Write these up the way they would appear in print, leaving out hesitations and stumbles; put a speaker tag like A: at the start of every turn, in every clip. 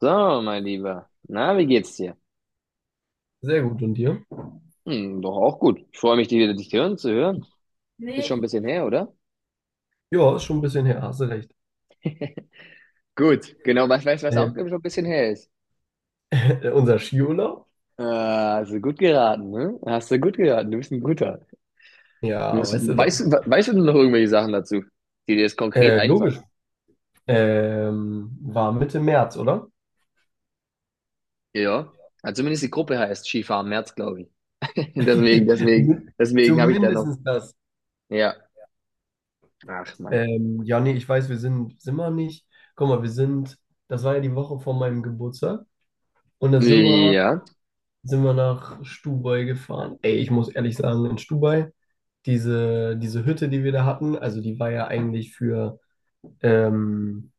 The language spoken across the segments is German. A: So, mein Lieber. Na, wie geht's dir?
B: Sehr gut. Und dir?
A: Hm, doch auch gut. Ich freue mich, dich wieder dich hören zu hören. Ist schon ein
B: Nee.
A: bisschen her, oder?
B: Ja, ist schon ein bisschen her, hast du recht.
A: Gut, genau. Was weißt du, was auch
B: Ähm,
A: schon ein bisschen her ist?
B: unser Skiurlaub?
A: Hast du gut geraten, ne? Hast du gut geraten. Du bist ein Guter. Du
B: Ja,
A: bist,
B: weißt du doch.
A: weißt, du- Weißt du noch irgendwelche Sachen dazu, die dir jetzt konkret einfallen?
B: Logisch. War Mitte März, oder?
A: Ja. Also zumindest die Gruppe heißt Skifahren März, glaube ich. Deswegen, deswegen,
B: Min-
A: deswegen habe ich da noch.
B: Zumindestens das.
A: Ja. Ach, Mann.
B: Ja, nee, ich weiß, sind wir nicht. Guck mal, das war ja die Woche vor meinem Geburtstag. Und dann
A: Ja,
B: sind wir nach Stubai gefahren. Ey, ich muss ehrlich sagen, in Stubai, diese Hütte, die wir da hatten, also die war ja eigentlich für ähm,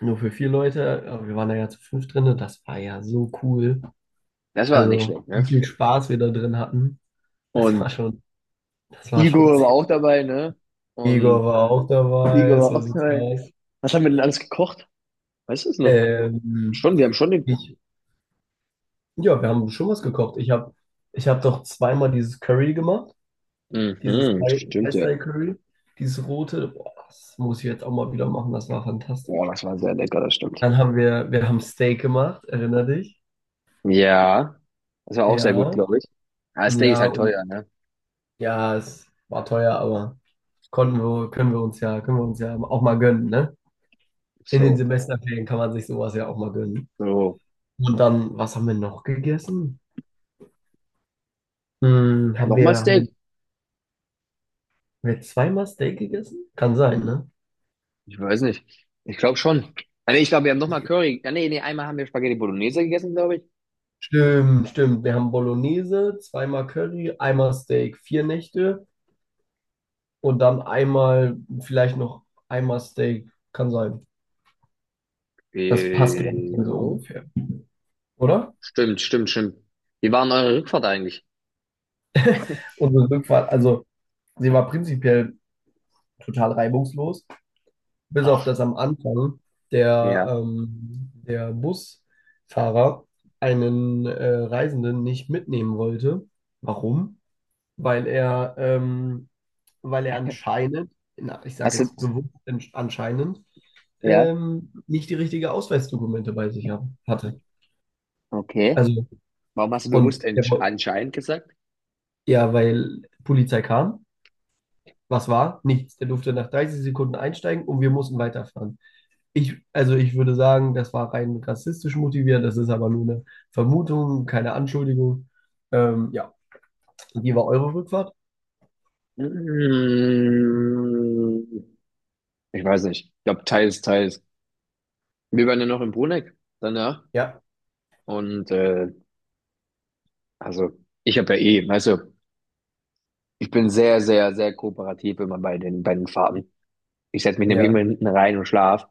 B: nur für vier Leute, aber wir waren da ja zu fünf drin und das war ja so cool.
A: das war nicht
B: Also,
A: schlecht, ne?
B: wie viel Spaß wir da drin hatten, das war
A: Und
B: schon, das war schon
A: Igor war
B: sehr.
A: auch dabei, ne? Und
B: Igor war auch dabei,
A: Igor
B: so
A: war auch
B: sieht's
A: dabei.
B: aus.
A: Was haben wir denn alles gekocht? Weißt du es noch?
B: Ähm,
A: Schon, wir haben schon den.
B: ich, ja, wir haben schon was gekocht. Ich hab doch zweimal dieses Curry gemacht, dieses
A: Mhm, stimmt ja.
B: Thai-Style-Curry, dieses rote. Boah, das muss ich jetzt auch mal wieder machen, das war
A: Oh,
B: fantastisch.
A: das war sehr lecker, das stimmt.
B: Dann haben wir, wir haben Steak gemacht, erinner dich?
A: Ja, das war auch sehr gut,
B: Ja,
A: glaube ich. Ah, Steak ist
B: ja,
A: halt teuer,
B: und
A: ne?
B: ja, es war teuer, aber können wir uns ja können wir uns ja, auch mal gönnen, ne? In den
A: So,
B: Semesterferien kann man sich sowas ja auch mal gönnen.
A: so.
B: Und dann, was haben wir noch gegessen? Hm, haben
A: Nochmal
B: wir, haben wir,
A: Steak?
B: haben wir zweimal Steak gegessen? Kann sein, ne?
A: Ich weiß nicht. Ich glaube schon. Ah, nee, ich glaube, wir haben nochmal Curry. Ah, nee, nee, einmal haben wir Spaghetti Bolognese gegessen, glaube ich.
B: Stimmt, stimmt. Wir haben Bolognese, zweimal Curry, einmal Steak, 4 Nächte und dann einmal, vielleicht noch einmal Steak. Kann sein. Das passt,
A: Äh,
B: glaube ich, dann so
A: Jo.
B: ungefähr, oder?
A: Stimmt, stimmt, stimmt. Wie war denn eure Rückfahrt eigentlich?
B: Unsere Rückfahrt, also sie war prinzipiell total reibungslos, bis auf
A: Ach,
B: das am Anfang
A: ja.
B: der Busfahrer einen Reisenden nicht mitnehmen wollte. Warum? Weil er, ähm, Weil er anscheinend, na, ich sage
A: Hast du,
B: jetzt bewusst anscheinend,
A: ja,
B: nicht die richtige Ausweisdokumente bei sich hatte.
A: okay.
B: Also,
A: Warum hast du bewusst
B: und der, woll-
A: anscheinend gesagt?
B: ja, weil Polizei kam. Was war? Nichts. Der durfte nach 30 Sekunden einsteigen und wir mussten weiterfahren. Also ich würde sagen, das war rein rassistisch motiviert, das ist aber nur eine Vermutung, keine Anschuldigung. Ja, wie war eure Rückfahrt?
A: Mm, Ich weiß nicht. Ich glaube, teils, teils. Wir waren ja noch in Bruneck danach.
B: Ja,
A: Und also, ich habe ja eh, weißt du, ich bin sehr, sehr, sehr kooperativ immer bei den Fahrten. Ich setze mich nämlich immer
B: ja,
A: hinten rein und schlaf.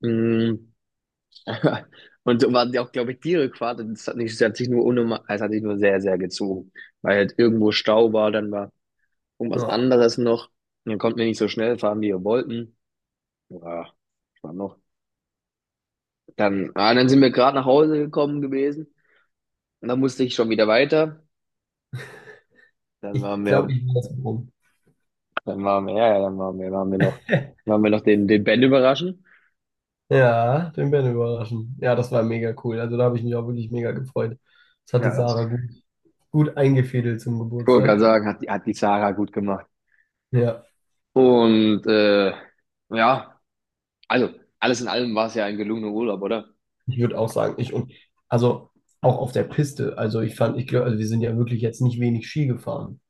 A: Mm, Und so waren die auch, glaube ich, die Rückfahrt. Und das hat nicht, das hat sich nur unnormal, es hat sich nur sehr, sehr gezogen. Weil halt irgendwo Stau war, dann war irgendwas
B: ja.
A: anderes noch. Und dann konnten wir nicht so schnell fahren, wie wir wollten. Ja, das war noch. Dann sind wir gerade nach Hause gekommen gewesen. Und dann musste ich schon wieder weiter. Dann
B: Ich
A: waren
B: glaube,
A: wir,
B: ich bin das rum.
A: dann waren wir, ja, ja, waren wir noch, waren wir noch den, den Ben überraschen.
B: Ja, den Ben überraschen. Ja, das war mega cool. Also da habe ich mich auch wirklich mega gefreut. Das hatte
A: Ja, das
B: Sarah gut eingefädelt zum
A: kann man
B: Geburtstag.
A: sagen, hat die Sarah gut gemacht.
B: Ja,
A: Und ja, also alles in allem war es ja ein gelungener Urlaub, oder?
B: ich würde auch sagen, ich und also auch auf der Piste. Also ich fand, ich glaube, also wir sind ja wirklich jetzt nicht wenig Ski gefahren.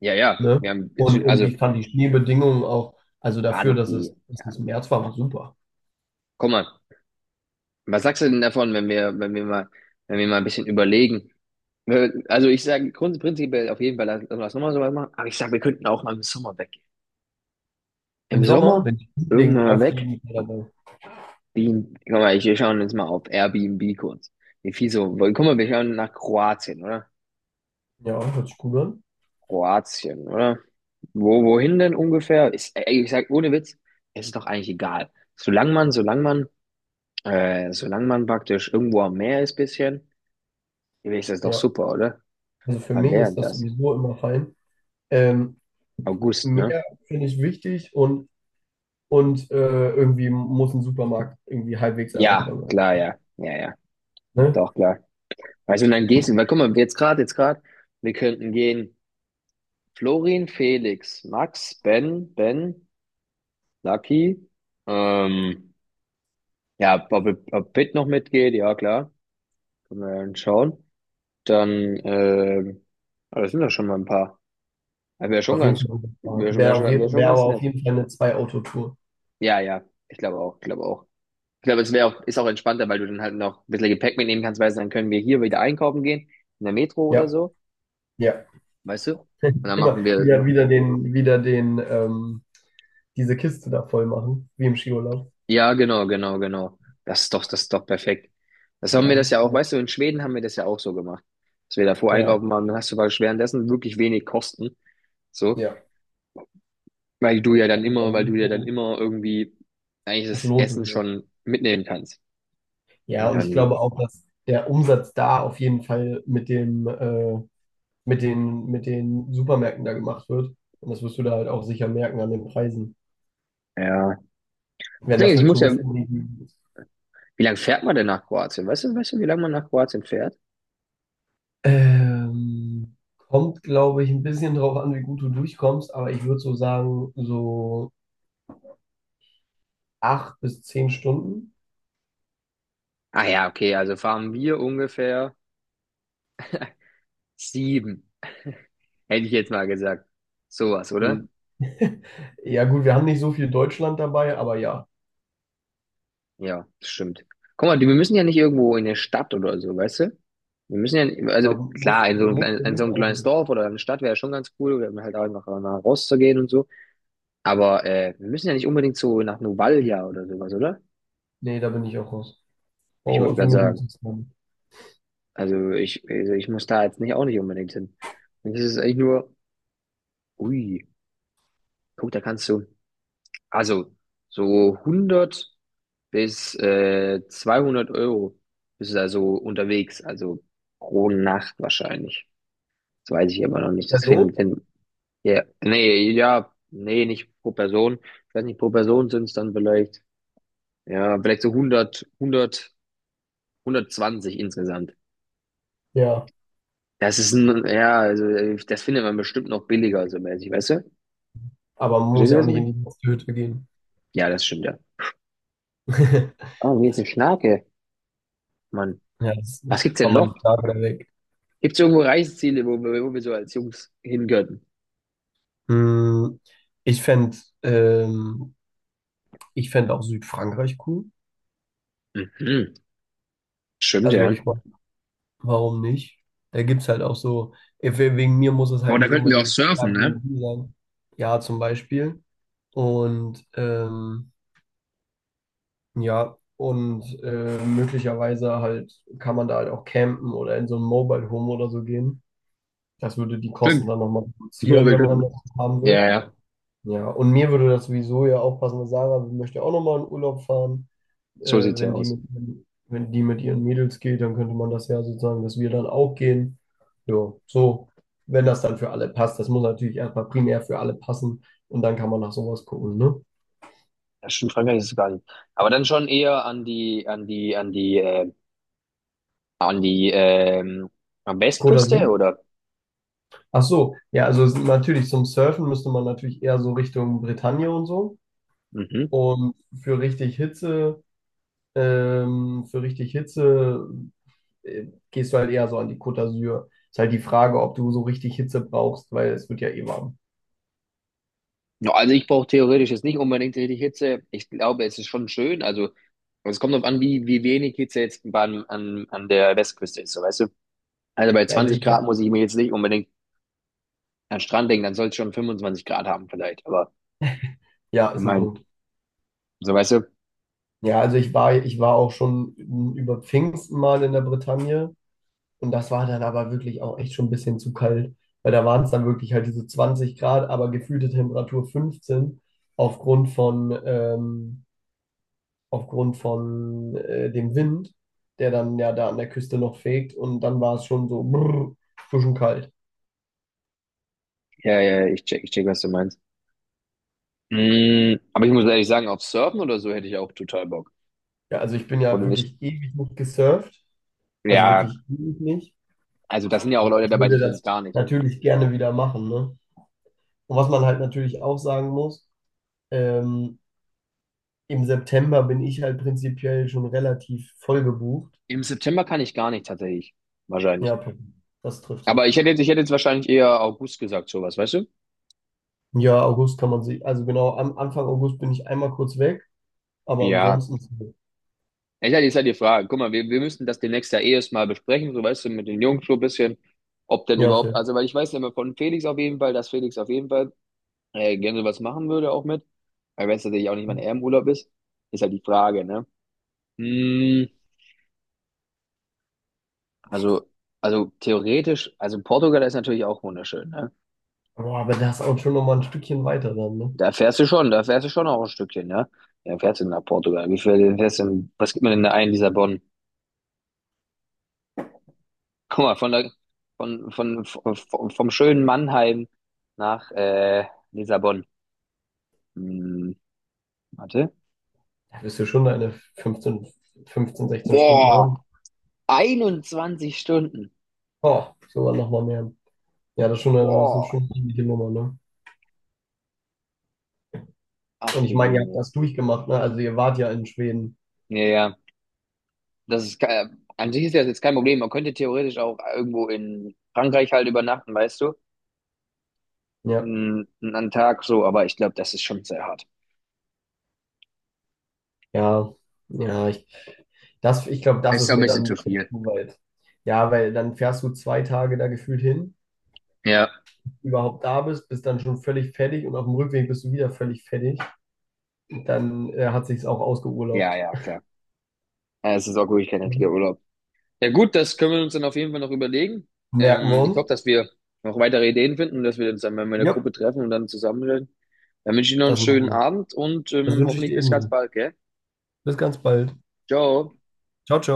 A: Ja, ja,
B: Ne?
A: wir haben,
B: Und
A: also,
B: ich fand die Schneebedingungen auch, also
A: waren
B: dafür, dass es,
A: okay.
B: dass
A: Ja.
B: es im März war, war super.
A: Guck mal, was sagst du denn davon, wenn wir, wenn wir mal ein bisschen überlegen? Also, ich sage prinzipiell auf jeden Fall, lass nochmal sowas machen, aber ich sage, wir könnten auch mal im Sommer weg.
B: Im
A: Im
B: Sommer
A: Sommer,
B: bin ich Liebling
A: irgendwann mal
B: auf
A: weg.
B: jeden Fall dabei.
A: Guck mal, wir schauen jetzt mal auf Airbnb kurz. Wie viel so, weil, guck mal, wir schauen nach Kroatien, oder?
B: Ja, hört sich gut an.
A: Kroatien, oder? Wohin denn ungefähr? Ey, ich sag, ohne Witz, es ist doch eigentlich egal. Solange man praktisch irgendwo am Meer ist, bisschen, ist das doch
B: Ja,
A: super, oder?
B: also für
A: Wann
B: mich
A: wäre
B: ist
A: denn
B: das
A: das?
B: sowieso immer fein. Ähm,
A: August, ne?
B: Meer finde ich wichtig und irgendwie muss ein Supermarkt irgendwie halbwegs
A: Ja,
B: erreichbar
A: klar,
B: sein.
A: ja. Ja, ja,
B: Ne?
A: doch, klar. Weißt du, und dann gehst du, weil guck mal, jetzt gerade, wir könnten gehen Florin, Felix, Max, Ben, Ben, Lucky, ähm, ja, ob Pitt noch mitgeht, ja, klar, können wir ja dann schauen. Dann, das sind doch schon mal ein paar. Wäre schon
B: Auf jeden
A: ganz,
B: Fall
A: wäre schon, wär schon, wär schon
B: wär aber
A: ganz
B: auf
A: nett.
B: jeden Fall eine Zwei-Auto-Tour.
A: Ja, ja, ich glaube auch, ich glaube auch. Ich glaube, es wäre auch, ist auch entspannter, weil du dann halt noch ein bisschen Gepäck mitnehmen kannst, weißt du, dann können wir hier wieder einkaufen gehen, in der Metro oder
B: Ja,
A: so,
B: ja.
A: weißt du? Und dann
B: Immer wieder, diese Kiste da voll machen, wie im Skiurlaub.
A: ja, genau, genau, genau. Das ist doch perfekt. Das haben wir
B: Ja,
A: das ja auch,
B: ja,
A: weißt du, in Schweden haben wir das ja auch so gemacht, dass wir davor
B: ja.
A: einkaufen waren, dann hast du praktisch währenddessen wirklich wenig Kosten, so,
B: Ja,
A: weil du ja dann immer, weil du ja dann immer irgendwie eigentlich
B: das
A: das
B: lohnt sich
A: Essen
B: nicht.
A: schon mitnehmen kannst. Und
B: Ja, und ich
A: dann,
B: glaube auch, dass der Umsatz da auf jeden Fall mit den Supermärkten da gemacht wird. Und das wirst du da halt auch sicher merken an den Preisen,
A: ja.
B: wenn
A: Deswegen,
B: das
A: ich
B: eine
A: muss ja,
B: Touristenregion ist.
A: wie lange fährt man denn nach Kroatien? Weißt du, wie lange man nach Kroatien fährt?
B: Kommt, glaube ich, ein bisschen drauf an, wie gut du durchkommst, aber ich würde so sagen, so 8 bis 10 Stunden.
A: Ah ja, okay, also waren wir ungefähr sieben, hätte ich jetzt mal gesagt. Sowas,
B: Hm.
A: oder?
B: Ja, gut, wir haben nicht so viel Deutschland dabei, aber ja,
A: Ja, das stimmt. Guck mal, wir müssen ja nicht irgendwo in der Stadt oder so, weißt du? Wir müssen ja, also
B: da muss,
A: klar, in so ein
B: muss
A: kleines,
B: für
A: in so
B: mich
A: ein
B: auch
A: kleines
B: nicht.
A: Dorf oder eine Stadt wäre schon ganz cool, oder halt auch einfach mal rauszugehen und so. Aber wir müssen ja nicht unbedingt so nach Novalia oder sowas, oder?
B: Nee, da bin ich auch raus.
A: Ich wollte
B: Oh, für
A: gerade
B: mich muss
A: sagen.
B: es sein.
A: Also ich muss da jetzt nicht auch nicht unbedingt hin. Und das ist eigentlich nur, ui, guck, da kannst du, also so 100 bis 200 € bist du also unterwegs, also pro Nacht wahrscheinlich. Das weiß ich aber noch nicht. Das
B: Person?
A: finden, finden, ja, nee, nicht pro Person. Ich weiß nicht, pro Person sind es dann vielleicht, ja, vielleicht so 100, 100, 120 insgesamt.
B: Ja,
A: Das ist ein, ja, also das findet man bestimmt noch billiger, so mäßig, weißt du?
B: aber man muss
A: Verstehst du,
B: ja auch
A: was ich
B: nicht in
A: meine?
B: die Hütte gehen.
A: Ja, das stimmt, ja. Oh, hier ist eine Schnake, Mann.
B: Ja, das
A: Was gibt's denn
B: haben wir die
A: noch?
B: Frage da weg.
A: Gibt's irgendwo Reiseziele, wo wir so als Jungs hingehören?
B: Hm, ich fände ähm, Ich fänd auch Südfrankreich cool.
A: Mhm. Stimmt,
B: Also
A: ja.
B: ich Warum nicht? Da gibt es halt auch so, eh, Wegen mir muss es
A: Boah,
B: halt
A: da
B: nicht
A: könnten wir auch
B: unbedingt
A: surfen, ne?
B: Airbnb sein. Ja, zum Beispiel. Und ähm, ja, möglicherweise halt kann man da halt auch campen oder in so ein Mobile Home oder so gehen. Das würde die Kosten
A: Stimmt.
B: dann nochmal
A: Nur
B: reduzieren,
A: wir
B: wenn man
A: könnten.
B: das haben
A: Ja,
B: will.
A: ja.
B: Ja, und mir würde das sowieso ja auch passen, weil Sarah möchte auch nochmal in Urlaub fahren,
A: So
B: äh,
A: sieht's ja
B: wenn die
A: aus.
B: mit, wenn die mit ihren Mädels geht, dann könnte man das ja sozusagen, dass wir dann auch gehen. Ja, so, wenn das dann für alle passt. Das muss natürlich erstmal primär für alle passen und dann kann man nach sowas gucken, ne?
A: Ja, stimmt, Frankreich ist es gar nicht. Aber dann schon eher an die, ähm, am
B: Côte
A: Westküste,
B: d'Azur?
A: oder?
B: Ach so, ja, also natürlich zum Surfen müsste man natürlich eher so Richtung Bretagne und so.
A: Mhm.
B: Und für richtig Hitze, für richtig Hitze gehst du halt eher so an die Côte d'Azur. Ist halt die Frage, ob du so richtig Hitze brauchst, weil es wird ja eh warm.
A: Ja, also ich brauche theoretisch jetzt nicht unbedingt richtig Hitze. Ich glaube, es ist schon schön. Also es kommt darauf an, wie wenig Hitze jetzt an der Westküste ist, so weißt du? Also bei
B: Also
A: 20
B: ich,
A: Grad muss ich mir jetzt nicht unbedingt an den Strand denken, dann soll es schon 25 Grad haben vielleicht. Aber
B: ja,
A: ich
B: ist ein
A: meine,
B: Punkt.
A: so weißt du,
B: Ja, also ich war auch schon über Pfingsten mal in der Bretagne und das war dann aber wirklich auch echt schon ein bisschen zu kalt, weil da waren es dann wirklich halt diese 20 Grad, aber gefühlte Temperatur 15 aufgrund von, ähm, aufgrund von dem Wind, der dann ja da an der Küste noch fegt und dann war es schon so brrr, schon kalt.
A: ja, ja, ich check, was du meinst. Aber ich muss ehrlich sagen, auf Surfen oder so hätte ich auch total Bock.
B: Ja, also ich bin ja
A: Oder nicht?
B: wirklich ewig nicht gesurft, also
A: Ja,
B: wirklich ewig nicht,
A: also das sind ja auch
B: aber
A: Leute
B: ich
A: dabei,
B: würde
A: die können
B: das
A: es gar nicht.
B: natürlich gerne wieder machen, ne? Und was man halt natürlich auch sagen muss, ähm, im September bin ich halt prinzipiell schon relativ voll gebucht.
A: Im September kann ich gar nicht tatsächlich. Wahrscheinlich.
B: Ja, perfekt. Das trifft
A: Aber
B: sich
A: ich
B: gut.
A: hätte jetzt, ich hätte jetzt wahrscheinlich eher August gesagt, sowas, weißt du?
B: Ja, August kann man sich, also genau, am Anfang August bin ich einmal kurz weg, aber
A: Ja.
B: ansonsten,
A: Ich hatte jetzt halt die Frage, guck mal, wir müssen das demnächst ja eh erst mal besprechen, so weißt du, mit den Jungs so ein bisschen, ob denn
B: ja, ist ja.
A: überhaupt, also weil ich weiß ja immer von Felix auf jeden Fall, dass Felix auf jeden Fall gerne was machen würde auch mit, weil wenn es natürlich auch nicht mein Ehrenurlaub ist, ist halt die Frage, ne? Hm, Also, also theoretisch, also Portugal ist natürlich auch wunderschön, ne?
B: Boah, aber das ist auch schon nochmal ein Stückchen weiter dann, ne?
A: Da fährst du schon, da fährst du schon auch ein Stückchen, ne? Ja, fährst du nach Portugal? Wie viel fährst du denn, was gibt man denn da ein, Lissabon? Guck mal, von der, von, vom, vom schönen Mannheim nach, Lissabon. Hm, Warte.
B: Da wirst du schon deine fünfzehn, 16 Stunden haben.
A: Boah, 21 Stunden.
B: Oh, sogar nochmal mehr. Ja, das ist
A: Boah,
B: schon eine ordentliche Nummer, ne?
A: ach
B: Und
A: die
B: ich meine, ihr habt
A: Jemine.
B: das durchgemacht, ne? Also ihr wart ja in Schweden.
A: Ja, ja, das ist, ke- an sich ist das jetzt kein Problem. Man könnte theoretisch auch irgendwo in Frankreich halt übernachten, weißt du?
B: Ja.
A: Einen Tag so, aber ich glaube, das ist schon sehr hart.
B: Ja, ja, ich glaube, das
A: Ist
B: ist
A: doch ein
B: mir
A: bisschen
B: dann ein
A: zu
B: bisschen
A: viel.
B: zu weit. Ja, weil dann fährst du 2 Tage da gefühlt hin,
A: Ja.
B: überhaupt da bist, dann schon völlig fertig und auf dem Rückweg bist du wieder völlig fertig. Dann hat sich's auch
A: Ja,
B: ausgeurlaubt.
A: ja, klar. Ja, es ist auch wirklich kein richtiger Urlaub. Ja gut, das können wir uns dann auf jeden Fall noch überlegen.
B: Merken wir
A: Ich
B: uns.
A: hoffe, dass wir noch weitere Ideen finden und dass wir uns dann, wenn wir in
B: Ja,
A: Gruppe treffen und dann zusammenreden. Dann wünsche ich dir noch einen
B: das
A: schönen
B: machen wir.
A: Abend und
B: Das wünsche ich
A: hoffentlich
B: dir
A: bis ganz
B: ebenso.
A: bald, gell?
B: Bis ganz bald.
A: Ciao.
B: Ciao, ciao.